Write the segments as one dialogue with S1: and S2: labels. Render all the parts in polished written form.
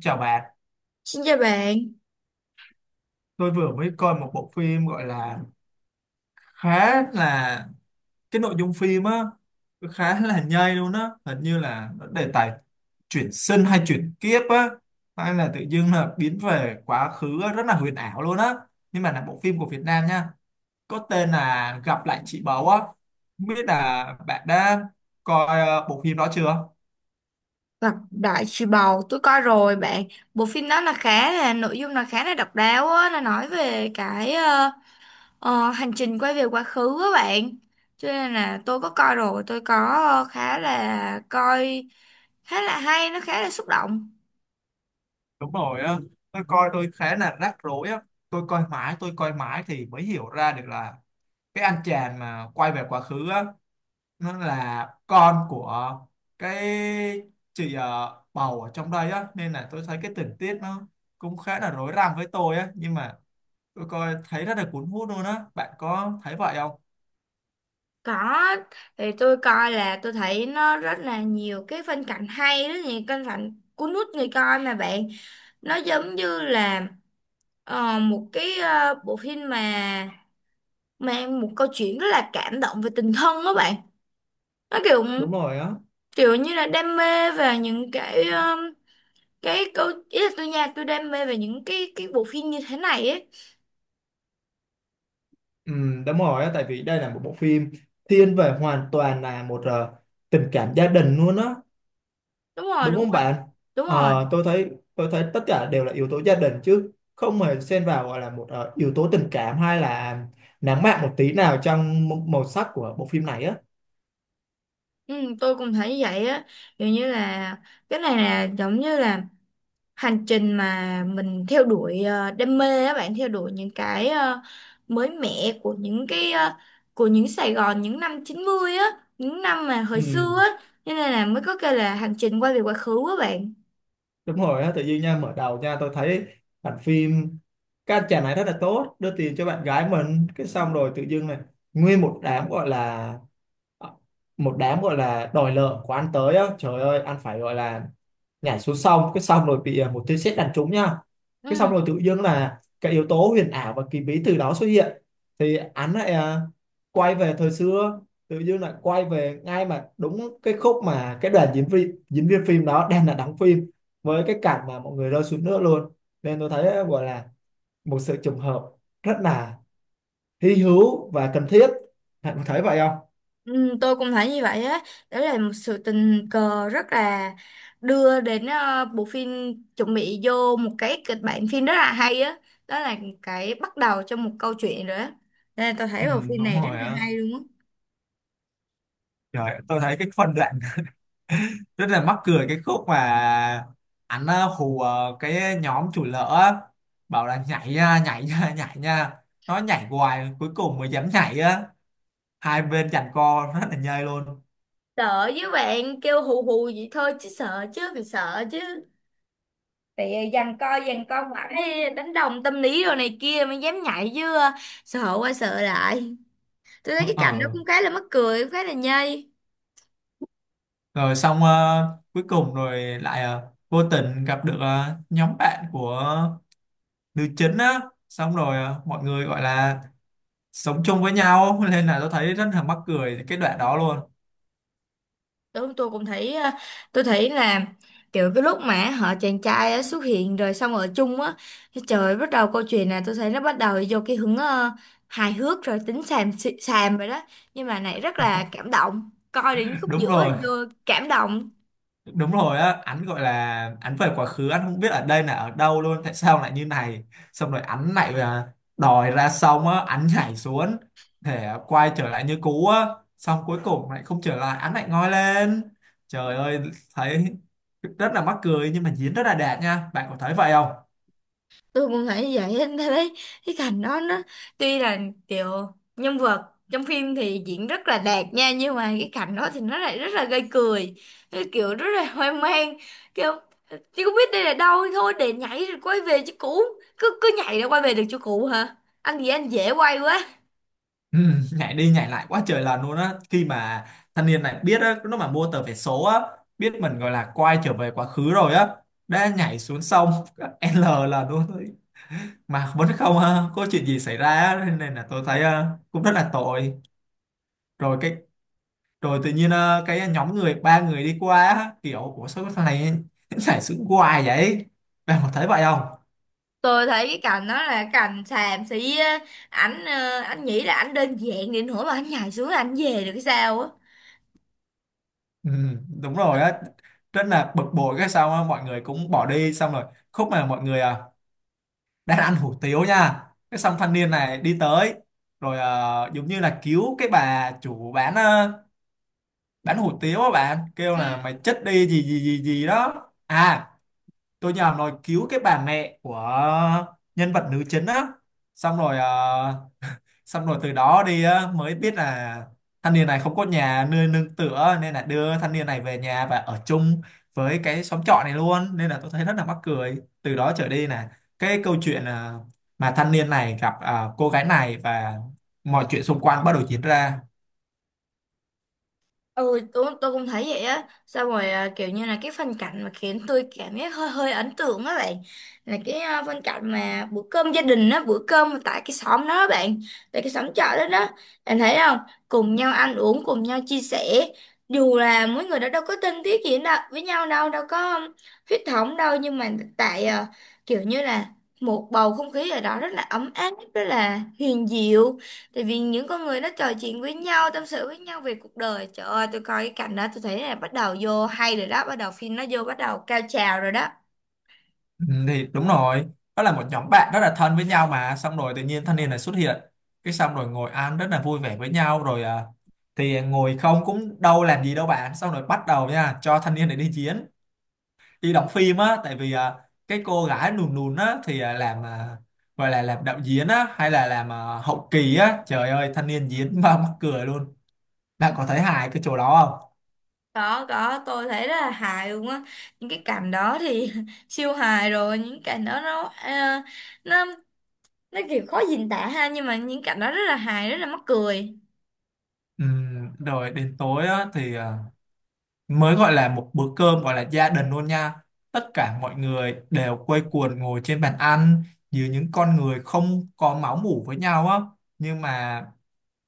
S1: Chào bạn,
S2: Xin chào bạn,
S1: tôi vừa mới coi một bộ phim gọi là khá là cái nội dung phim á, khá là nhây luôn á. Hình như là nó đề tài chuyển sinh hay chuyển kiếp á, hay là tự dưng là biến về quá khứ á, rất là huyền ảo luôn á. Nhưng mà là bộ phim của Việt Nam nha, có tên là Gặp lại chị Báu á. Không biết là bạn đã coi bộ phim đó chưa?
S2: Lạc Đại Trùy Bầu, tôi coi rồi bạn. Bộ phim đó là khá là nội dung là khá là độc đáo á, nó nói về cái hành trình quay về quá khứ á bạn. Cho nên là tôi có coi rồi, tôi có khá là coi khá là hay, nó khá là xúc động.
S1: Đúng rồi á, tôi coi, khá là rắc rối á, tôi coi mãi thì mới hiểu ra được là cái anh chàng mà quay về quá khứ á nó là con của cái chị bầu ở trong đây á, nên là tôi thấy cái tình tiết nó cũng khá là rối rắm với tôi á, nhưng mà tôi coi thấy rất là cuốn hút luôn á. Bạn có thấy vậy không?
S2: Có. Thì tôi coi là tôi thấy nó rất là nhiều cái phân cảnh hay, rất nhiều phân cảnh cuốn hút người coi mà bạn. Nó giống như là một cái bộ phim mà mang một câu chuyện rất là cảm động về tình thân đó bạn, nó kiểu
S1: Đúng rồi á.
S2: kiểu như là đam mê về những cái câu ý là tôi nha, tôi đam mê về những cái bộ phim như thế này ấy.
S1: Ừ, đúng rồi á, tại vì đây là một bộ phim thiên về hoàn toàn là một tình cảm gia đình luôn á.
S2: Đúng rồi,
S1: Đúng
S2: đúng
S1: không
S2: rồi,
S1: bạn?
S2: đúng rồi.
S1: Ờ, tôi thấy tất cả đều là yếu tố gia đình chứ không hề xen vào gọi là một yếu tố tình cảm hay là nắng mạng một tí nào trong màu sắc của bộ phim này á.
S2: Ừ, tôi cũng thấy như vậy á, kiểu như là cái này là giống như là hành trình mà mình theo đuổi đam mê á bạn, theo đuổi những cái mới mẻ của những cái của những Sài Gòn những năm 90 á, những năm mà hồi
S1: Ừ,
S2: xưa á, cho nên là mới có kêu là hành trình quay về quá khứ á bạn.
S1: đúng rồi á. Tự nhiên nha, mở đầu nha, tôi thấy bản phim các anh chàng này rất là tốt, đưa tiền cho bạn gái mình, cái xong rồi tự dưng này nguyên một đám gọi là ờ, một đám gọi là đòi nợ của anh tới á. Trời ơi, anh phải gọi là nhảy xuống sông, cái xong rồi bị một tia sét đánh trúng nha. Cái xong
S2: Ừ,
S1: rồi tự dưng là cái yếu tố huyền ảo và kỳ bí từ đó xuất hiện, thì anh lại quay về thời xưa, tự dưng lại quay về ngay mà đúng cái khúc mà cái đoàn diễn viên phim đó đang là đóng phim với cái cảnh mà mọi người rơi xuống nước luôn. Nên tôi thấy gọi là một sự trùng hợp rất là hy hữu và cần thiết. Bạn có thấy vậy không?
S2: ừ, tôi cũng thấy như vậy á. Đó là một sự tình cờ rất là đưa đến bộ phim chuẩn bị vô một cái kịch bản phim rất là hay á, đó là cái bắt đầu cho một câu chuyện rồi á, nên là tôi
S1: Ừ,
S2: thấy bộ phim
S1: đúng
S2: này rất
S1: rồi
S2: là
S1: á.
S2: hay luôn á.
S1: Trời, tôi thấy cái phân đoạn rất là mắc cười cái khúc mà anh hù cái nhóm chủ lỡ á, bảo là nhảy nha, nhảy nha nhảy nha, nó nhảy hoài cuối cùng mới dám nhảy á, hai bên giằng co rất là nhây luôn.
S2: Sợ với bạn kêu hù hù vậy thôi chứ sợ chứ, mình sợ chứ. Thì giằng co mãi. Ê, đánh đồng tâm lý rồi này kia mới dám nhảy chứ, sợ qua sợ lại. Tôi thấy cái cảnh đó
S1: Ờ,
S2: cũng khá là mắc cười, cũng khá là nhây.
S1: rồi xong cuối cùng rồi lại vô tình gặp được nhóm bạn của nữ chính á, xong rồi mọi người gọi là sống chung với nhau nên là tôi thấy rất là mắc cười cái đoạn đó luôn.
S2: Tôi cũng thấy tôi thấy là kiểu cái lúc mà họ chàng trai á xuất hiện rồi xong ở chung á, cái trời bắt đầu câu chuyện là tôi thấy nó bắt đầu vô cái hướng hài hước rồi tính xàm rồi đó, nhưng mà này rất là cảm động, coi đến khúc
S1: Đúng
S2: giữa
S1: rồi,
S2: thì vô cảm động.
S1: đúng rồi á. Anh gọi là anh về quá khứ, anh không biết ở đây là ở đâu luôn, tại sao lại như này, xong rồi anh lại đòi ra, xong á anh nhảy xuống để quay trở lại như cũ á, xong cuối cùng lại không trở lại, anh lại ngoi lên. Trời ơi, thấy rất là mắc cười nhưng mà diễn rất là đẹp nha. Bạn có thấy vậy không?
S2: Tôi cũng nghĩ vậy em thấy cái cảnh đó nó tuy là kiểu nhân vật trong phim thì diễn rất là đạt nha, nhưng mà cái cảnh đó thì nó lại rất là gây cười. Cái kiểu rất là hoang mang, kiểu chứ không biết đây là đâu, thôi để nhảy rồi quay về chỗ cũ. Cứ cứ nhảy rồi quay về được chỗ cũ hả? Anh gì anh dễ quay quá.
S1: Ừ, nhảy đi nhảy lại quá trời lần luôn á, khi mà thanh niên này biết á lúc mà mua tờ vé số á, biết mình gọi là quay trở về quá khứ rồi á, đã nhảy xuống sông L là luôn, mà vẫn không có chuyện gì xảy ra á, nên là tôi thấy cũng rất là tội. Rồi cái, rồi tự nhiên cái nhóm người ba người đi qua á, kiểu của số thằng này giải sự hoài vậy. Bạn có thấy vậy không?
S2: Tôi thấy cái cảnh đó là cảnh xàm xí á. Anh nghĩ là ảnh đơn giản đến nỗi mà anh nhảy xuống là anh về được cái sao á?
S1: Ừ, đúng rồi á, rất là bực bội cái sao á, mọi người cũng bỏ đi, xong rồi khúc mà mọi người đang ăn hủ tiếu nha, cái xong thanh niên này đi tới, rồi giống như là cứu cái bà chủ bán bán hủ tiếu á, bạn kêu là
S2: Ừ.
S1: mày chết đi gì gì gì gì đó. À, tôi nhớ nói cứu cái bà mẹ của nhân vật nữ chính á, xong rồi xong rồi từ đó đi á, mới biết là thanh niên này không có nhà nơi nương tựa, nên là đưa thanh niên này về nhà và ở chung với cái xóm trọ này luôn, nên là tôi thấy rất là mắc cười. Từ đó trở đi là cái câu chuyện mà thanh niên này gặp cô gái này và mọi chuyện xung quanh bắt đầu diễn ra.
S2: Ừ, tôi cũng thấy vậy á. Sao rồi à, kiểu như là cái phân cảnh mà khiến tôi cảm giác hơi hơi ấn tượng á bạn. Là cái phân cảnh mà bữa cơm gia đình á, bữa cơm tại cái xóm đó á bạn, tại cái xóm chợ đó đó. Bạn thấy không? Cùng nhau ăn uống, cùng nhau chia sẻ. Dù là mỗi người đó đâu có thân thiết gì đâu, với nhau đâu, đâu có huyết thống đâu. Nhưng mà tại kiểu như là một bầu không khí ở đó rất là ấm áp, rất là hiền diệu. Tại vì những con người nó trò chuyện với nhau, tâm sự với nhau về cuộc đời. Trời ơi, tôi coi cái cảnh đó tôi thấy là bắt đầu vô hay rồi đó, bắt đầu phim nó vô bắt đầu cao trào rồi đó.
S1: Ừ, thì đúng rồi, đó là một nhóm bạn rất là thân với nhau, mà xong rồi tự nhiên thanh niên này xuất hiện, cái xong rồi ngồi ăn rất là vui vẻ với nhau rồi thì ngồi không cũng đâu làm gì đâu bạn, xong rồi bắt đầu nha cho thanh niên này đi chiến, đi đóng phim á, tại vì cái cô gái lùn lùn á thì làm gọi là làm đạo diễn á, hay là làm hậu kỳ á. Trời ơi, thanh niên diễn mà mắc cười luôn. Bạn có thấy hài cái chỗ đó không?
S2: Có, tôi thấy rất là hài luôn á. Những cái cảnh đó thì siêu hài rồi, những cảnh đó nó nó nó kiểu khó diễn tả ha, nhưng mà những cảnh đó rất là hài, rất là mắc cười.
S1: Rồi đến tối á thì mới gọi là một bữa cơm gọi là gia đình luôn nha, tất cả mọi người đều quây quần ngồi trên bàn ăn, dưới những con người không có máu mủ với nhau á, nhưng mà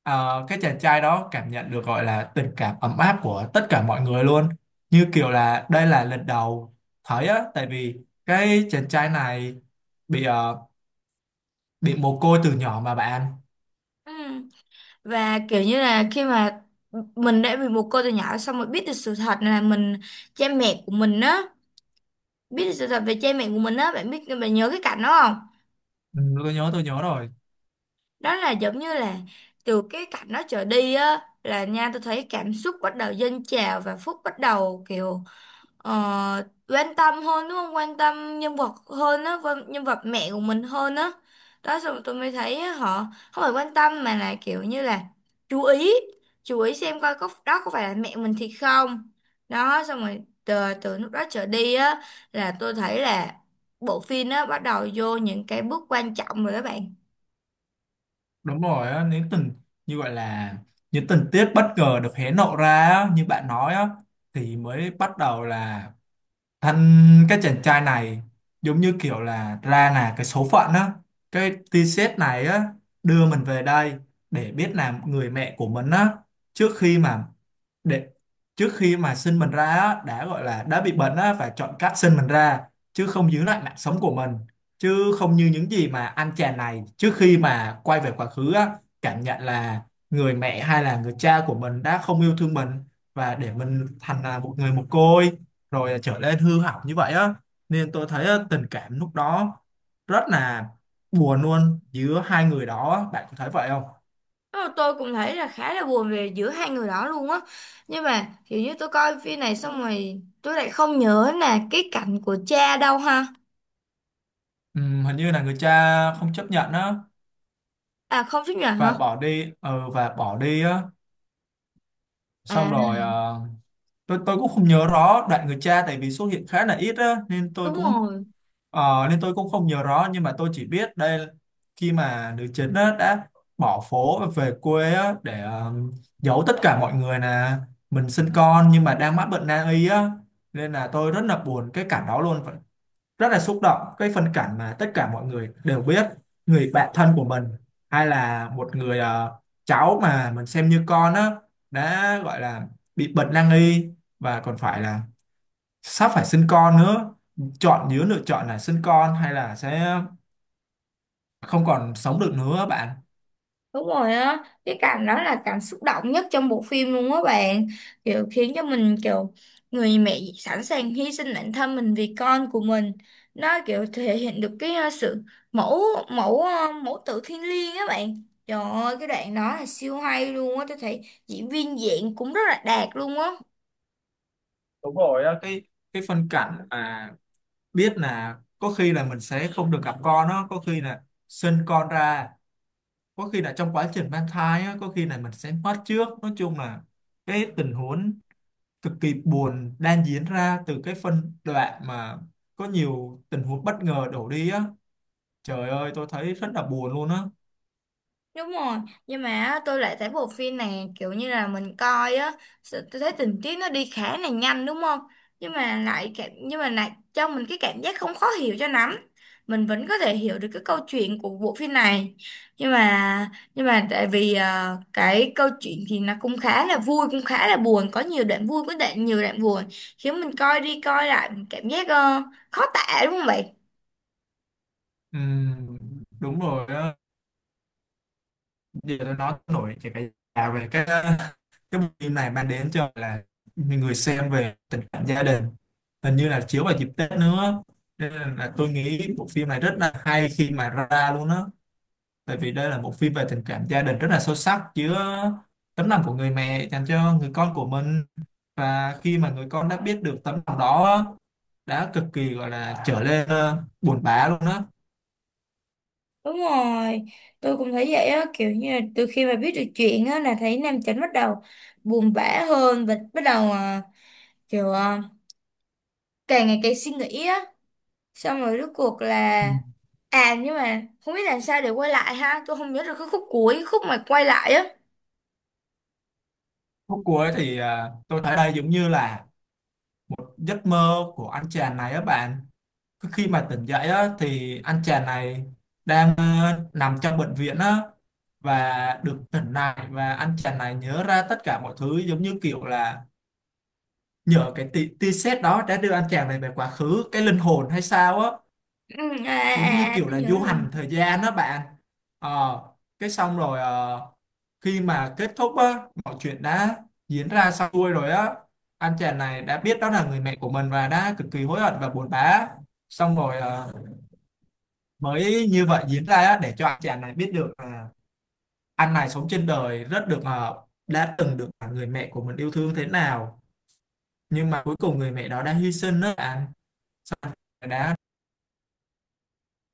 S1: cái chàng trai đó cảm nhận được gọi là tình cảm ấm áp của tất cả mọi người luôn, như kiểu là đây là lần đầu thấy á, tại vì cái chàng trai này bị bị mồ côi từ nhỏ mà bạn.
S2: Ừ. Và kiểu như là khi mà mình đã bị một cô từ nhỏ xong rồi biết được sự thật là mình, cha mẹ của mình á, biết được sự thật về cha mẹ của mình á, bạn biết, bạn nhớ cái cảnh đó không?
S1: Ừ, tôi nhớ rồi.
S2: Đó là giống như là từ cái cảnh đó trở đi á là nha, tôi thấy cảm xúc bắt đầu dâng trào và Phúc bắt đầu kiểu ờ, quan tâm hơn, đúng không? Quan tâm nhân vật hơn á, nhân vật mẹ của mình hơn á. Đó xong rồi tôi mới thấy á, họ không phải quan tâm mà là kiểu như là chú ý, chú ý xem coi có đó có phải là mẹ mình thì không. Đó xong rồi từ lúc đó trở đi á là tôi thấy là bộ phim á bắt đầu vô những cái bước quan trọng rồi các bạn.
S1: Đúng rồi á, nếu tình như gọi là những tình tiết bất ngờ được hé lộ ra á, như bạn nói á, thì mới bắt đầu là thằng cái chàng trai này giống như kiểu là ra là cái số phận á, cái t-shirt này á đưa mình về đây để biết là người mẹ của mình á, trước khi mà để trước khi mà sinh mình ra á, đã gọi là đã bị bệnh á và chọn cách sinh mình ra chứ không giữ lại mạng sống của mình, chứ không như những gì mà anh chàng này trước khi mà quay về quá khứ á cảm nhận là người mẹ hay là người cha của mình đã không yêu thương mình và để mình thành là một người mồ côi rồi trở nên hư hỏng như vậy á. Nên tôi thấy á, tình cảm lúc đó rất là buồn luôn giữa hai người đó á. Bạn có thấy vậy không?
S2: Ờ, tôi cũng thấy là khá là buồn về giữa hai người đó luôn á, nhưng mà kiểu như tôi coi phim này xong rồi tôi lại không nhớ là cái cảnh của cha đâu ha.
S1: Hình như là người cha không chấp nhận á
S2: À, không chấp nhận
S1: và
S2: hả?
S1: bỏ đi, và bỏ đi á, xong
S2: À,
S1: rồi ờ, tôi cũng không nhớ rõ đoạn người cha, tại vì xuất hiện khá là ít á nên tôi
S2: đúng
S1: cũng
S2: rồi.
S1: ờ, nên tôi cũng không nhớ rõ. Nhưng mà tôi chỉ biết đây, khi mà nữ chính á, đã bỏ phố và về quê á, để giấu tất cả mọi người là mình sinh con nhưng mà đang mắc bệnh nan y á, nên là tôi rất là buồn cái cảnh đó luôn. Rất là xúc động cái phân cảnh mà tất cả mọi người đều biết người bạn thân của mình hay là một người cháu mà mình xem như con á đã gọi là bị bệnh nan y và còn phải là sắp phải sinh con nữa, chọn giữa lựa chọn là sinh con hay là sẽ không còn sống được nữa bạn.
S2: Đúng rồi á, cái cảm đó là cảm xúc động nhất trong bộ phim luôn á bạn. Kiểu khiến cho mình kiểu người mẹ sẵn sàng hy sinh bản thân mình vì con của mình. Nó kiểu thể hiện được cái sự mẫu mẫu ờ, mẫu tử thiêng liêng á bạn. Trời ơi, cái đoạn đó là siêu hay luôn á, tôi thấy diễn viên diễn cũng rất là đạt luôn á.
S1: Đúng rồi á, cái phân cảnh mà biết là có khi là mình sẽ không được gặp con đó, có khi là sinh con ra, có khi là trong quá trình mang thai á, có khi là mình sẽ mất trước, nói chung là cái tình huống cực kỳ buồn đang diễn ra từ cái phân đoạn mà có nhiều tình huống bất ngờ đổ đi á. Trời ơi, tôi thấy rất là buồn luôn á.
S2: Đúng rồi, nhưng mà á, tôi lại thấy bộ phim này kiểu như là mình coi á, tôi thấy tình tiết nó đi khá là nhanh, đúng không? Nhưng mà lại cho mình cái cảm giác không khó hiểu cho lắm. Mình vẫn có thể hiểu được cái câu chuyện của bộ phim này. Nhưng mà nhưng mà tại vì cái câu chuyện thì nó cũng khá là vui, cũng khá là buồn, có nhiều đoạn vui, có đoạn nhiều đoạn buồn, khiến mình coi đi coi lại mình cảm giác khó tả, đúng không vậy?
S1: Ừm, đúng rồi á. Điều đó nó nổi cái à, về cái bộ phim này mang đến cho, là, người xem về tình cảm gia đình, hình như là chiếu vào dịp Tết nữa, nên là tôi nghĩ bộ phim này rất là hay khi mà ra luôn á. Tại vì đây là một phim về tình cảm gia đình rất là sâu sắc, chứa tấm lòng của người mẹ dành cho người con của mình. Và khi mà người con đã biết được tấm lòng đó á, đã cực kỳ, gọi là, trở lên, buồn bã luôn á.
S2: Đúng rồi, tôi cũng thấy vậy á, kiểu như là từ khi mà biết được chuyện á là thấy Nam Chánh bắt đầu buồn bã hơn và bắt đầu kiểu càng ngày càng suy nghĩ á, xong rồi rốt cuộc là
S1: Ừm,
S2: à, nhưng mà không biết làm sao để quay lại ha, tôi không nhớ được cái khúc cuối, khúc mà quay lại á.
S1: khúc cuối thì, tôi thấy đây giống như là giấc mơ của anh chàng này á bạn. Cứ khi mà tỉnh dậy á thì anh chàng này đang nằm trong bệnh viện á và được tỉnh lại, và anh chàng này nhớ ra tất cả mọi thứ, giống như kiểu là nhờ cái tia tia sét đó đã đưa anh chàng này về quá khứ, cái linh hồn hay sao á,
S2: Ừ,
S1: giống như kiểu
S2: tôi
S1: là
S2: nhớ
S1: du
S2: rồi.
S1: hành thời gian đó bạn. Ờ, cái xong rồi khi mà kết thúc á mọi chuyện đã diễn ra xong xuôi rồi á, anh chàng này đã biết đó là người mẹ của mình và đã cực kỳ hối hận và buồn bã, xong rồi mới như vậy diễn ra á để cho anh chàng này biết được là anh này sống trên đời rất được đã từng được người mẹ của mình yêu thương thế nào, nhưng mà cuối cùng người mẹ đó đã hy sinh đó bạn, đã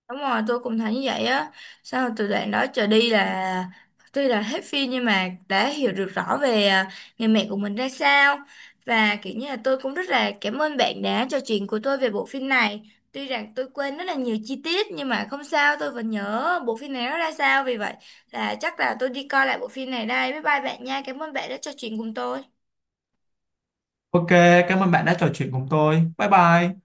S2: Đúng rồi, tôi cũng thấy như vậy á. Sau từ đoạn đó trở đi là tuy là hết phim nhưng mà đã hiểu được rõ về người mẹ của mình ra sao. Và kiểu như là tôi cũng rất là cảm ơn bạn đã trò chuyện của tôi về bộ phim này. Tuy rằng tôi quên rất là nhiều chi tiết nhưng mà không sao, tôi vẫn nhớ bộ phim này nó ra sao. Vì vậy là chắc là tôi đi coi lại bộ phim này đây. Bye bye bạn nha. Cảm ơn bạn đã trò chuyện cùng tôi.
S1: ok. Cảm ơn bạn đã trò chuyện cùng tôi, bye bye.